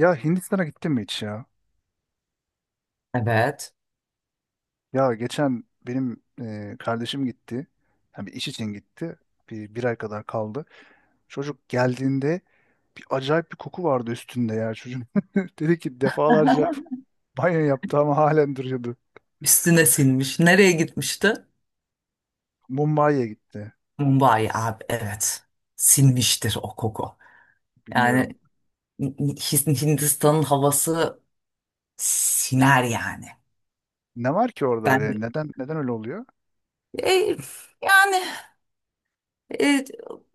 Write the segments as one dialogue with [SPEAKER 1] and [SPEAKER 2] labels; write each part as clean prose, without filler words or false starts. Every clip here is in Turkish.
[SPEAKER 1] Ya Hindistan'a gittin mi hiç ya?
[SPEAKER 2] Evet.
[SPEAKER 1] Ya geçen benim kardeşim gitti. Yani bir iş için gitti. Bir ay kadar kaldı. Çocuk geldiğinde bir acayip bir koku vardı üstünde ya çocuğun. Dedi ki defalarca banyo yaptı ama halen duruyordu.
[SPEAKER 2] Üstüne sinmiş. Nereye gitmişti?
[SPEAKER 1] Mumbai'ye gitti.
[SPEAKER 2] Mumbai abi evet. Sinmiştir o koku.
[SPEAKER 1] Bilmiyorum.
[SPEAKER 2] Yani Hindistan'ın havası siner yani.
[SPEAKER 1] Ne var ki orada
[SPEAKER 2] Ben
[SPEAKER 1] öyle? Neden öyle oluyor?
[SPEAKER 2] E, yani e,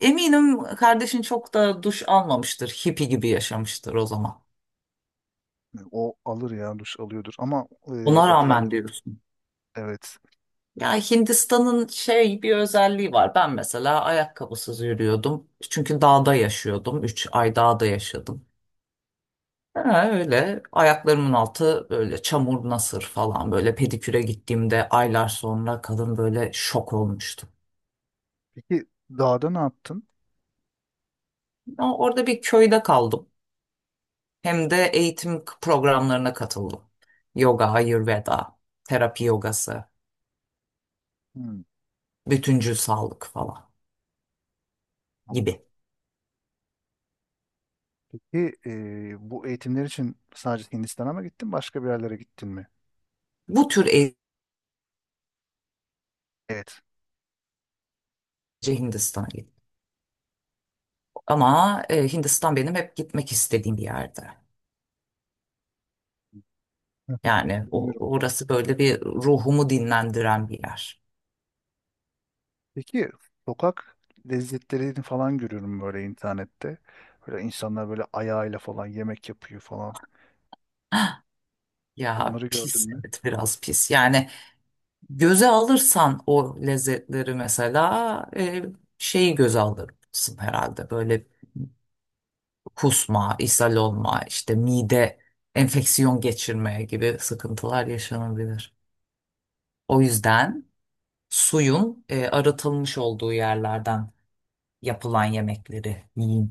[SPEAKER 2] eminim kardeşin çok da duş almamıştır. Hippie gibi yaşamıştır o zaman.
[SPEAKER 1] O alır ya duş alıyordur ama
[SPEAKER 2] Ona
[SPEAKER 1] otel
[SPEAKER 2] rağmen diyorsun.
[SPEAKER 1] evet.
[SPEAKER 2] Ya Hindistan'ın şey bir özelliği var. Ben mesela ayakkabısız yürüyordum. Çünkü dağda yaşıyordum. 3 ay dağda yaşadım. Ha, öyle ayaklarımın altı böyle çamur nasır falan böyle pediküre gittiğimde aylar sonra kadın böyle şok olmuştu.
[SPEAKER 1] Peki dağda ne yaptın?
[SPEAKER 2] Ama orada bir köyde kaldım. Hem de eğitim programlarına katıldım. Yoga, Ayurveda, terapi yogası,
[SPEAKER 1] Hmm.
[SPEAKER 2] bütüncül sağlık falan
[SPEAKER 1] Tamam.
[SPEAKER 2] gibi.
[SPEAKER 1] Peki, bu eğitimler için sadece Hindistan'a mı gittin, başka bir yerlere gittin mi?
[SPEAKER 2] Bu tür eğitimce
[SPEAKER 1] Evet.
[SPEAKER 2] Hindistan'a gittim. Ama Hindistan benim hep gitmek istediğim bir yerde. Yani
[SPEAKER 1] Bilmiyorum.
[SPEAKER 2] orası böyle bir ruhumu dinlendiren bir yer.
[SPEAKER 1] Peki sokak lezzetlerini falan görüyorum böyle internette. Böyle insanlar böyle ayağıyla falan yemek yapıyor falan.
[SPEAKER 2] Ya
[SPEAKER 1] Onları gördün
[SPEAKER 2] pis,
[SPEAKER 1] mü?
[SPEAKER 2] evet, biraz pis. Yani göze alırsan o lezzetleri, mesela şeyi göze alırsın herhalde. Böyle kusma, ishal olma, işte mide enfeksiyon geçirmeye gibi sıkıntılar yaşanabilir. O yüzden suyun arıtılmış olduğu yerlerden yapılan yemekleri yiyin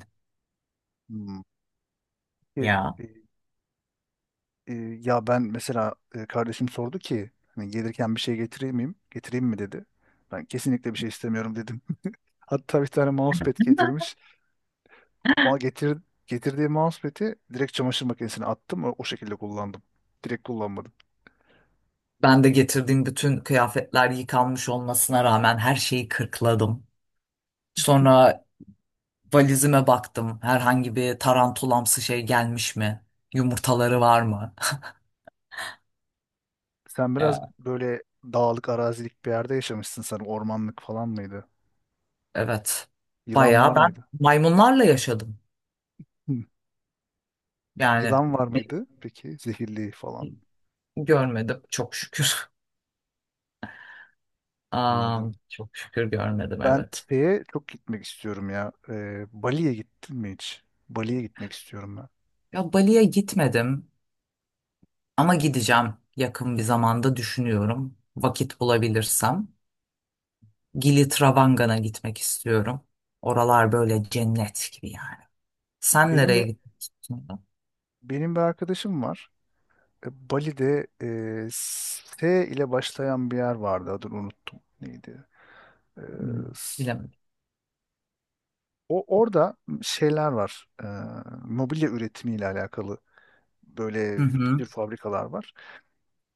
[SPEAKER 1] Hmm. Peki.
[SPEAKER 2] ya.
[SPEAKER 1] E, Ya ben mesela, kardeşim sordu ki hani gelirken bir şey getireyim miyim? Getireyim mi dedi. Ben kesinlikle bir şey istemiyorum dedim. Hatta bir tane mousepad getirmiş. Bana getir, Getirdiği mousepad'i direkt çamaşır makinesine attım. O şekilde kullandım. Direkt kullanmadım.
[SPEAKER 2] Ben de getirdiğim bütün kıyafetler yıkanmış olmasına rağmen her şeyi kırkladım. Sonra valizime baktım. Herhangi bir tarantulamsı şey gelmiş mi? Yumurtaları var mı?
[SPEAKER 1] Sen biraz
[SPEAKER 2] Ya.
[SPEAKER 1] böyle dağlık, arazilik bir yerde yaşamışsın sanırım. Ormanlık falan mıydı?
[SPEAKER 2] Evet.
[SPEAKER 1] Yılan var
[SPEAKER 2] Bayağı ben
[SPEAKER 1] mıydı?
[SPEAKER 2] maymunlarla yaşadım.
[SPEAKER 1] Hı.
[SPEAKER 2] Yani
[SPEAKER 1] Yılan var mıydı? Peki zehirli falan.
[SPEAKER 2] görmedim çok şükür. Aa,
[SPEAKER 1] Anladım.
[SPEAKER 2] çok şükür görmedim,
[SPEAKER 1] Ben
[SPEAKER 2] evet.
[SPEAKER 1] şeye çok gitmek istiyorum ya. Bali'ye gittin mi hiç? Bali'ye gitmek istiyorum ben.
[SPEAKER 2] Ya Bali'ye gitmedim ama gideceğim, yakın bir zamanda düşünüyorum. Vakit bulabilirsem. Gili Travanga'na gitmek istiyorum. Oralar böyle cennet gibi yani. Sen
[SPEAKER 1] Benim
[SPEAKER 2] nereye
[SPEAKER 1] bir
[SPEAKER 2] gitmek gittin?
[SPEAKER 1] Benim bir arkadaşım var. Bali'de S ile başlayan bir yer vardı. Adını unuttum. Neydi? E, s-
[SPEAKER 2] Bilemedim.
[SPEAKER 1] O orada şeyler var. Mobilya üretimiyle alakalı
[SPEAKER 2] Hı
[SPEAKER 1] böyle bir sürü
[SPEAKER 2] hı.
[SPEAKER 1] fabrikalar var.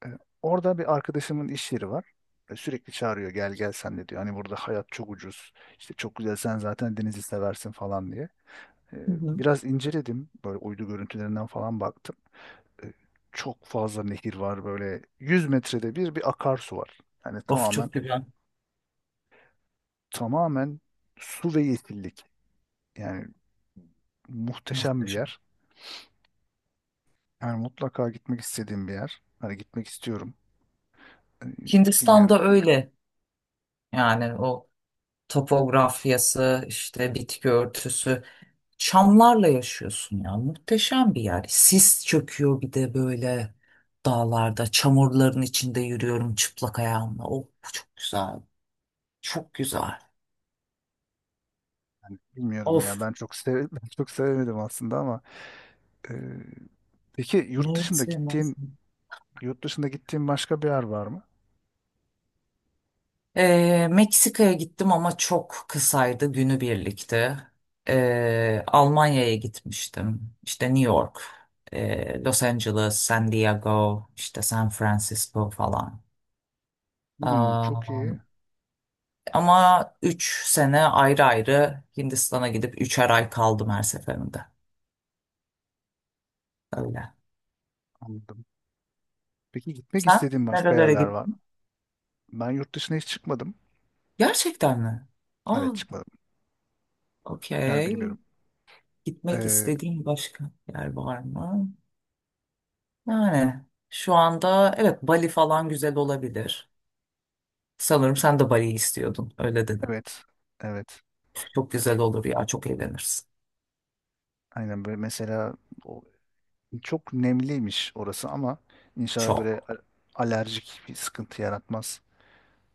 [SPEAKER 1] E, Orada bir arkadaşımın iş yeri var. Sürekli çağırıyor, gel gel sen de diyor. Hani burada hayat çok ucuz. İşte çok güzel, sen zaten denizi seversin falan diye. E,
[SPEAKER 2] Hı hı.
[SPEAKER 1] Biraz inceledim. Böyle uydu görüntülerinden falan baktım. e, Çok fazla nehir var, böyle 100 metrede bir akarsu var. Yani
[SPEAKER 2] Of,
[SPEAKER 1] tamamen
[SPEAKER 2] çok güzel.
[SPEAKER 1] tamamen su ve yeşillik. Yani muhteşem bir
[SPEAKER 2] Muhteşem.
[SPEAKER 1] yer. Yani mutlaka gitmek istediğim bir yer. Hani gitmek istiyorum. Ee, Bilmiyorum.
[SPEAKER 2] Hindistan'da öyle. Yani o topografyası, işte bitki örtüsü. Çamlarla yaşıyorsun ya. Muhteşem bir yer. Sis çöküyor bir de böyle dağlarda. Çamurların içinde yürüyorum çıplak ayağımla. Of, çok güzel. Çok güzel.
[SPEAKER 1] Yani bilmiyorum ya.
[SPEAKER 2] Of.
[SPEAKER 1] Ben çok sev Ben çok sevemedim aslında ama e, peki
[SPEAKER 2] Neyi sevmez?
[SPEAKER 1] yurt dışında gittiğin başka bir yer var mı?
[SPEAKER 2] Meksika'ya gittim ama çok kısaydı, günübirlikti. Almanya'ya gitmiştim. İşte New York, Los Angeles, San Diego, işte San Francisco falan.
[SPEAKER 1] Hmm, çok
[SPEAKER 2] Aa,
[SPEAKER 1] iyi.
[SPEAKER 2] ama 3 sene ayrı ayrı Hindistan'a gidip 3'er ay kaldım her seferinde. Öyle.
[SPEAKER 1] Anladım. Peki gitmek
[SPEAKER 2] Sen
[SPEAKER 1] istediğin başka
[SPEAKER 2] nerelere
[SPEAKER 1] yerler var mı?
[SPEAKER 2] gittin?
[SPEAKER 1] Ben yurt dışına hiç çıkmadım.
[SPEAKER 2] Gerçekten mi? Aa,
[SPEAKER 1] Evet, çıkmadım. Yani
[SPEAKER 2] okey.
[SPEAKER 1] bilmiyorum.
[SPEAKER 2] Gitmek
[SPEAKER 1] Ee,
[SPEAKER 2] istediğin başka yer var mı? Yani şu anda evet, Bali falan güzel olabilir. Sanırım sen de Bali'yi istiyordun. Öyle dedim.
[SPEAKER 1] evet. Evet.
[SPEAKER 2] Çok güzel olur ya. Çok eğlenirsin.
[SPEAKER 1] Aynen, böyle mesela o, çok nemliymiş orası ama inşallah böyle
[SPEAKER 2] Çok.
[SPEAKER 1] alerjik bir sıkıntı yaratmaz.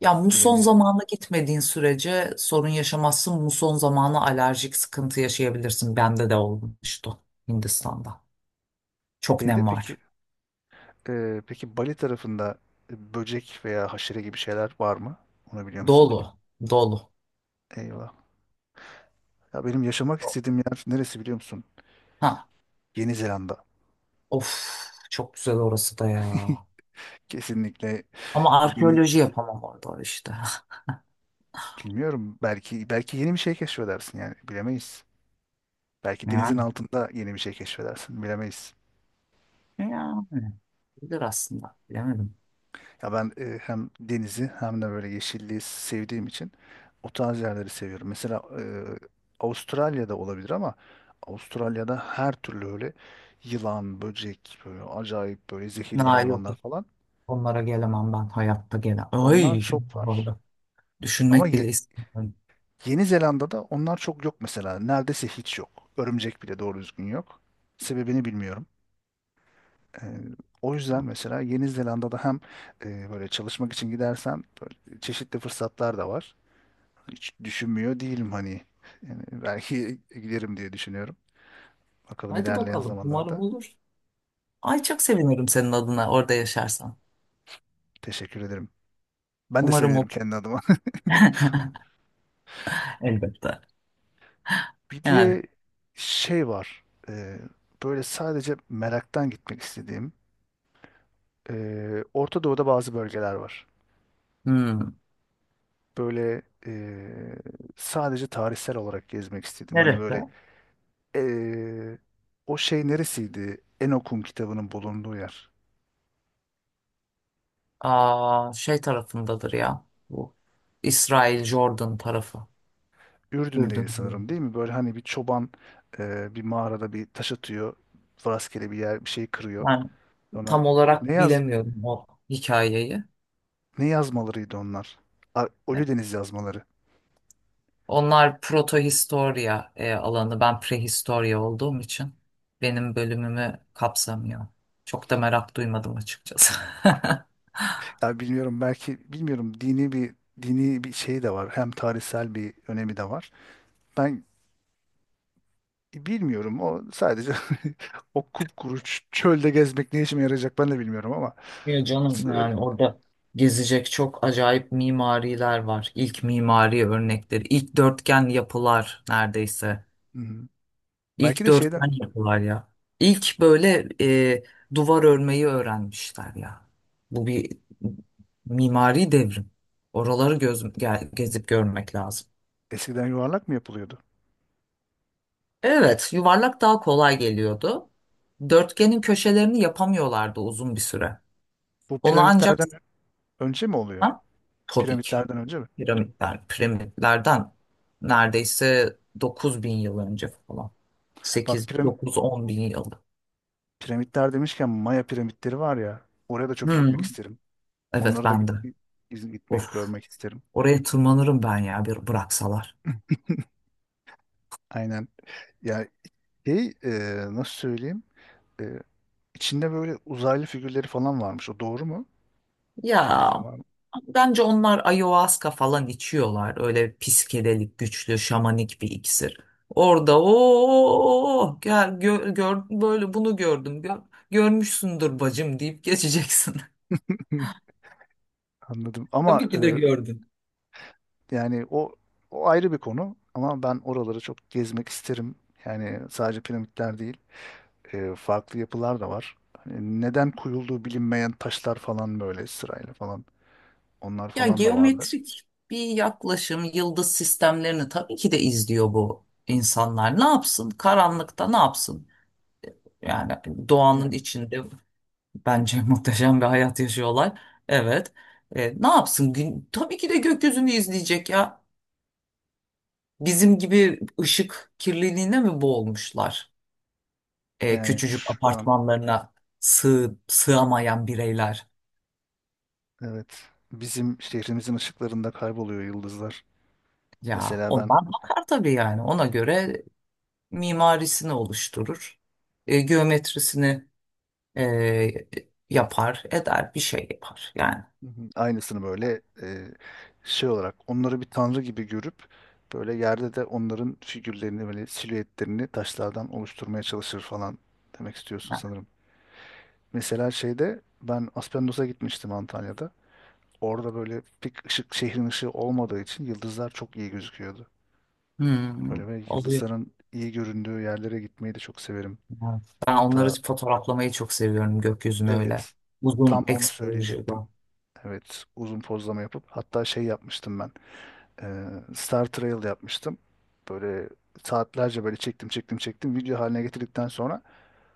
[SPEAKER 2] Ya muson
[SPEAKER 1] Bilemiyorum.
[SPEAKER 2] zamanı gitmediğin sürece sorun yaşamazsın. Muson zamanı alerjik sıkıntı yaşayabilirsin. Bende de olmuştu Hindistan'da. Çok
[SPEAKER 1] Şeyde
[SPEAKER 2] nem
[SPEAKER 1] peki,
[SPEAKER 2] var.
[SPEAKER 1] peki Bali tarafında böcek veya haşere gibi şeyler var mı? Onu biliyor musun?
[SPEAKER 2] Dolu. Dolu.
[SPEAKER 1] Eyvah. Ya benim yaşamak istediğim yer neresi biliyor musun?
[SPEAKER 2] Ha.
[SPEAKER 1] Yeni Zelanda.
[SPEAKER 2] Of. Çok güzel orası da ya.
[SPEAKER 1] Kesinlikle
[SPEAKER 2] Ama
[SPEAKER 1] yeni
[SPEAKER 2] arkeoloji yapamam orada işte.
[SPEAKER 1] bilmiyorum. Belki yeni bir şey keşfedersin yani bilemeyiz. Belki denizin
[SPEAKER 2] Yani.
[SPEAKER 1] altında yeni bir şey keşfedersin. Bilemeyiz.
[SPEAKER 2] Yani. Bilir aslında. Bilemedim.
[SPEAKER 1] Ya ben, hem denizi hem de böyle yeşilliği sevdiğim için o tarz yerleri seviyorum. Mesela Avustralya'da olabilir ama Avustralya'da her türlü öyle yılan, böcek, böyle acayip böyle zehirli
[SPEAKER 2] Ha, yok.
[SPEAKER 1] hayvanlar falan.
[SPEAKER 2] Onlara gelemem ben, hayatta gelemem.
[SPEAKER 1] Onlar
[SPEAKER 2] Ay, şimdi
[SPEAKER 1] çok var.
[SPEAKER 2] orada.
[SPEAKER 1] Ama
[SPEAKER 2] Düşünmek bile
[SPEAKER 1] Ye-
[SPEAKER 2] istemiyorum.
[SPEAKER 1] Yeni Zelanda'da onlar çok yok mesela. Neredeyse hiç yok. Örümcek bile doğru düzgün yok. Sebebini bilmiyorum. E, O yüzden mesela Yeni Zelanda'da hem böyle çalışmak için gidersen böyle çeşitli fırsatlar da var. Hiç düşünmüyor değilim hani. Yani belki giderim diye düşünüyorum. Bakalım
[SPEAKER 2] Hadi
[SPEAKER 1] ilerleyen
[SPEAKER 2] bakalım. Umarım
[SPEAKER 1] zamanlarda.
[SPEAKER 2] olur. Ay, çok sevinirim senin adına orada yaşarsan.
[SPEAKER 1] Teşekkür ederim. Ben de
[SPEAKER 2] Umarım
[SPEAKER 1] sevinirim
[SPEAKER 2] olur.
[SPEAKER 1] kendi adıma.
[SPEAKER 2] Elbette.
[SPEAKER 1] Bir
[SPEAKER 2] Yani.
[SPEAKER 1] de şey var. e, Böyle sadece meraktan gitmek istediğim. Orta Doğu'da bazı bölgeler var.
[SPEAKER 2] Hmm.
[SPEAKER 1] Böyle, sadece tarihsel olarak gezmek istedim. Hani
[SPEAKER 2] Neresi?
[SPEAKER 1] böyle, e, o şey neresiydi? Enokun kitabının bulunduğu yer.
[SPEAKER 2] Aa, şey tarafındadır ya. Bu İsrail Jordan tarafı.
[SPEAKER 1] Ürdün'deydi
[SPEAKER 2] Ürdün.
[SPEAKER 1] sanırım, değil mi? Böyle hani bir çoban, bir mağarada bir taş atıyor. Rastgele bir yer bir şey kırıyor.
[SPEAKER 2] Ben
[SPEAKER 1] Sonra
[SPEAKER 2] tam
[SPEAKER 1] ne
[SPEAKER 2] olarak
[SPEAKER 1] yaz
[SPEAKER 2] bilemiyorum o hikayeyi.
[SPEAKER 1] ne yazmalarıydı onlar? Ölüdeniz yazmaları.
[SPEAKER 2] Onlar protohistorya alanı. Ben prehistorya olduğum için benim bölümümü kapsamıyor. Çok da merak duymadım açıkçası.
[SPEAKER 1] Ya bilmiyorum, belki bilmiyorum, dini bir şey de var. Hem tarihsel bir önemi de var. Ben bilmiyorum, o sadece o kupkuru çölde gezmek ne işime yarayacak ben de bilmiyorum ama
[SPEAKER 2] Ya canım,
[SPEAKER 1] böyle-
[SPEAKER 2] yani orada gezecek çok acayip mimariler var. İlk mimari örnekleri, ilk dörtgen yapılar neredeyse.
[SPEAKER 1] hı hı. Belki
[SPEAKER 2] İlk
[SPEAKER 1] de şeyden
[SPEAKER 2] dörtgen yapılar ya. İlk böyle e, duvar örmeyi öğrenmişler ya. Bu bir mimari devrim. Oraları gezip görmek lazım.
[SPEAKER 1] eskiden yuvarlak mı yapılıyordu?
[SPEAKER 2] Evet, yuvarlak daha kolay geliyordu. Dörtgenin köşelerini yapamıyorlardı uzun bir süre.
[SPEAKER 1] Bu
[SPEAKER 2] Onu ancak.
[SPEAKER 1] piramitlerden önce mi oluyor?
[SPEAKER 2] Ha? Tabii ki
[SPEAKER 1] Piramitlerden önce mi?
[SPEAKER 2] piramitlerden neredeyse 9 bin yıl önce falan.
[SPEAKER 1] Bak
[SPEAKER 2] 8,
[SPEAKER 1] piram-
[SPEAKER 2] 9, 10 bin yıl.
[SPEAKER 1] Piramitler demişken Maya piramitleri var ya. Oraya da çok
[SPEAKER 2] Hı.
[SPEAKER 1] gitmek isterim.
[SPEAKER 2] Evet,
[SPEAKER 1] Onları da
[SPEAKER 2] ben de.
[SPEAKER 1] git- iz-
[SPEAKER 2] Of,
[SPEAKER 1] Gitmek, görmek isterim.
[SPEAKER 2] oraya tırmanırım ben ya, bir bıraksalar.
[SPEAKER 1] Aynen. Ya şey, nasıl söyleyeyim? E, içinde böyle uzaylı figürleri falan varmış. O doğru mu?
[SPEAKER 2] Ya,
[SPEAKER 1] Bilgim var mı?
[SPEAKER 2] bence onlar ayahuasca falan içiyorlar. Öyle psikedelik, güçlü şamanik bir iksir. Orada o gel gör, böyle bunu gördüm. Görmüşsündür bacım deyip geçeceksin.
[SPEAKER 1] Anladım. Ama
[SPEAKER 2] Tabii ki de gördün.
[SPEAKER 1] yani o ayrı bir konu. Ama ben oraları çok gezmek isterim. Yani sadece piramitler değil, farklı yapılar da var. Hani neden koyulduğu bilinmeyen taşlar falan böyle sırayla falan. Onlar
[SPEAKER 2] Ya,
[SPEAKER 1] falan da vardı.
[SPEAKER 2] geometrik bir yaklaşım, yıldız sistemlerini tabii ki de izliyor bu insanlar. Ne yapsın? Karanlıkta ne yapsın? Yani doğanın
[SPEAKER 1] Yani,
[SPEAKER 2] içinde, bence muhteşem bir hayat yaşıyorlar. Evet. Ne yapsın? Gün, tabii ki de gökyüzünü izleyecek ya. Bizim gibi ışık kirliliğine mi boğulmuşlar? Küçücük
[SPEAKER 1] Şu an
[SPEAKER 2] apartmanlarına sığamayan bireyler.
[SPEAKER 1] evet, bizim şehrimizin ışıklarında kayboluyor yıldızlar.
[SPEAKER 2] Ya
[SPEAKER 1] Mesela ben,
[SPEAKER 2] ondan bakar tabii yani. Ona göre mimarisini oluşturur. Geometrisini e, yapar, eder, bir şey yapar. Yani.
[SPEAKER 1] hı hı, aynısını böyle, şey olarak onları bir tanrı gibi görüp böyle yerde de onların figürlerini böyle silüetlerini taşlardan oluşturmaya çalışır falan demek istiyorsun
[SPEAKER 2] Ha.
[SPEAKER 1] sanırım. Mesela şeyde ben Aspendos'a gitmiştim, Antalya'da. Orada böyle pek ışık, şehrin ışığı olmadığı için yıldızlar çok iyi gözüküyordu.
[SPEAKER 2] Hmm,
[SPEAKER 1] Böyle ve
[SPEAKER 2] oluyor.
[SPEAKER 1] yıldızların iyi göründüğü yerlere gitmeyi de çok severim.
[SPEAKER 2] Ha, ben
[SPEAKER 1] Ta
[SPEAKER 2] onları fotoğraflamayı çok seviyorum, gökyüzünü öyle.
[SPEAKER 1] Evet. Tam
[SPEAKER 2] Uzun
[SPEAKER 1] onu söyleyecektim.
[SPEAKER 2] exposure'da.
[SPEAKER 1] Evet, uzun pozlama yapıp hatta şey yapmıştım ben. Ee, Star Trail yapmıştım. Böyle saatlerce böyle çektim, video haline getirdikten sonra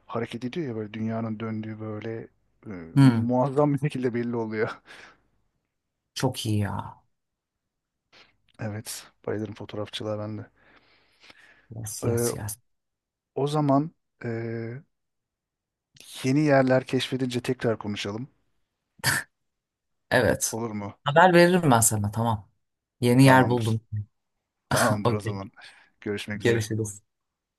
[SPEAKER 1] hareket ediyor ya, böyle dünyanın döndüğü böyle, e,
[SPEAKER 2] Hmm,
[SPEAKER 1] muazzam bir şekilde belli oluyor.
[SPEAKER 2] çok iyi ya.
[SPEAKER 1] Evet, bayılırım fotoğrafçılığa ben de.
[SPEAKER 2] Yes,
[SPEAKER 1] Ee,
[SPEAKER 2] yes, yes.
[SPEAKER 1] O zaman, e, yeni yerler keşfedince tekrar konuşalım.
[SPEAKER 2] Evet.
[SPEAKER 1] Olur mu?
[SPEAKER 2] Haber veririm ben sana, tamam. Yeni yer
[SPEAKER 1] Tamamdır.
[SPEAKER 2] buldum.
[SPEAKER 1] Tamamdır o
[SPEAKER 2] Okey.
[SPEAKER 1] zaman. Görüşmek üzere.
[SPEAKER 2] Görüşürüz.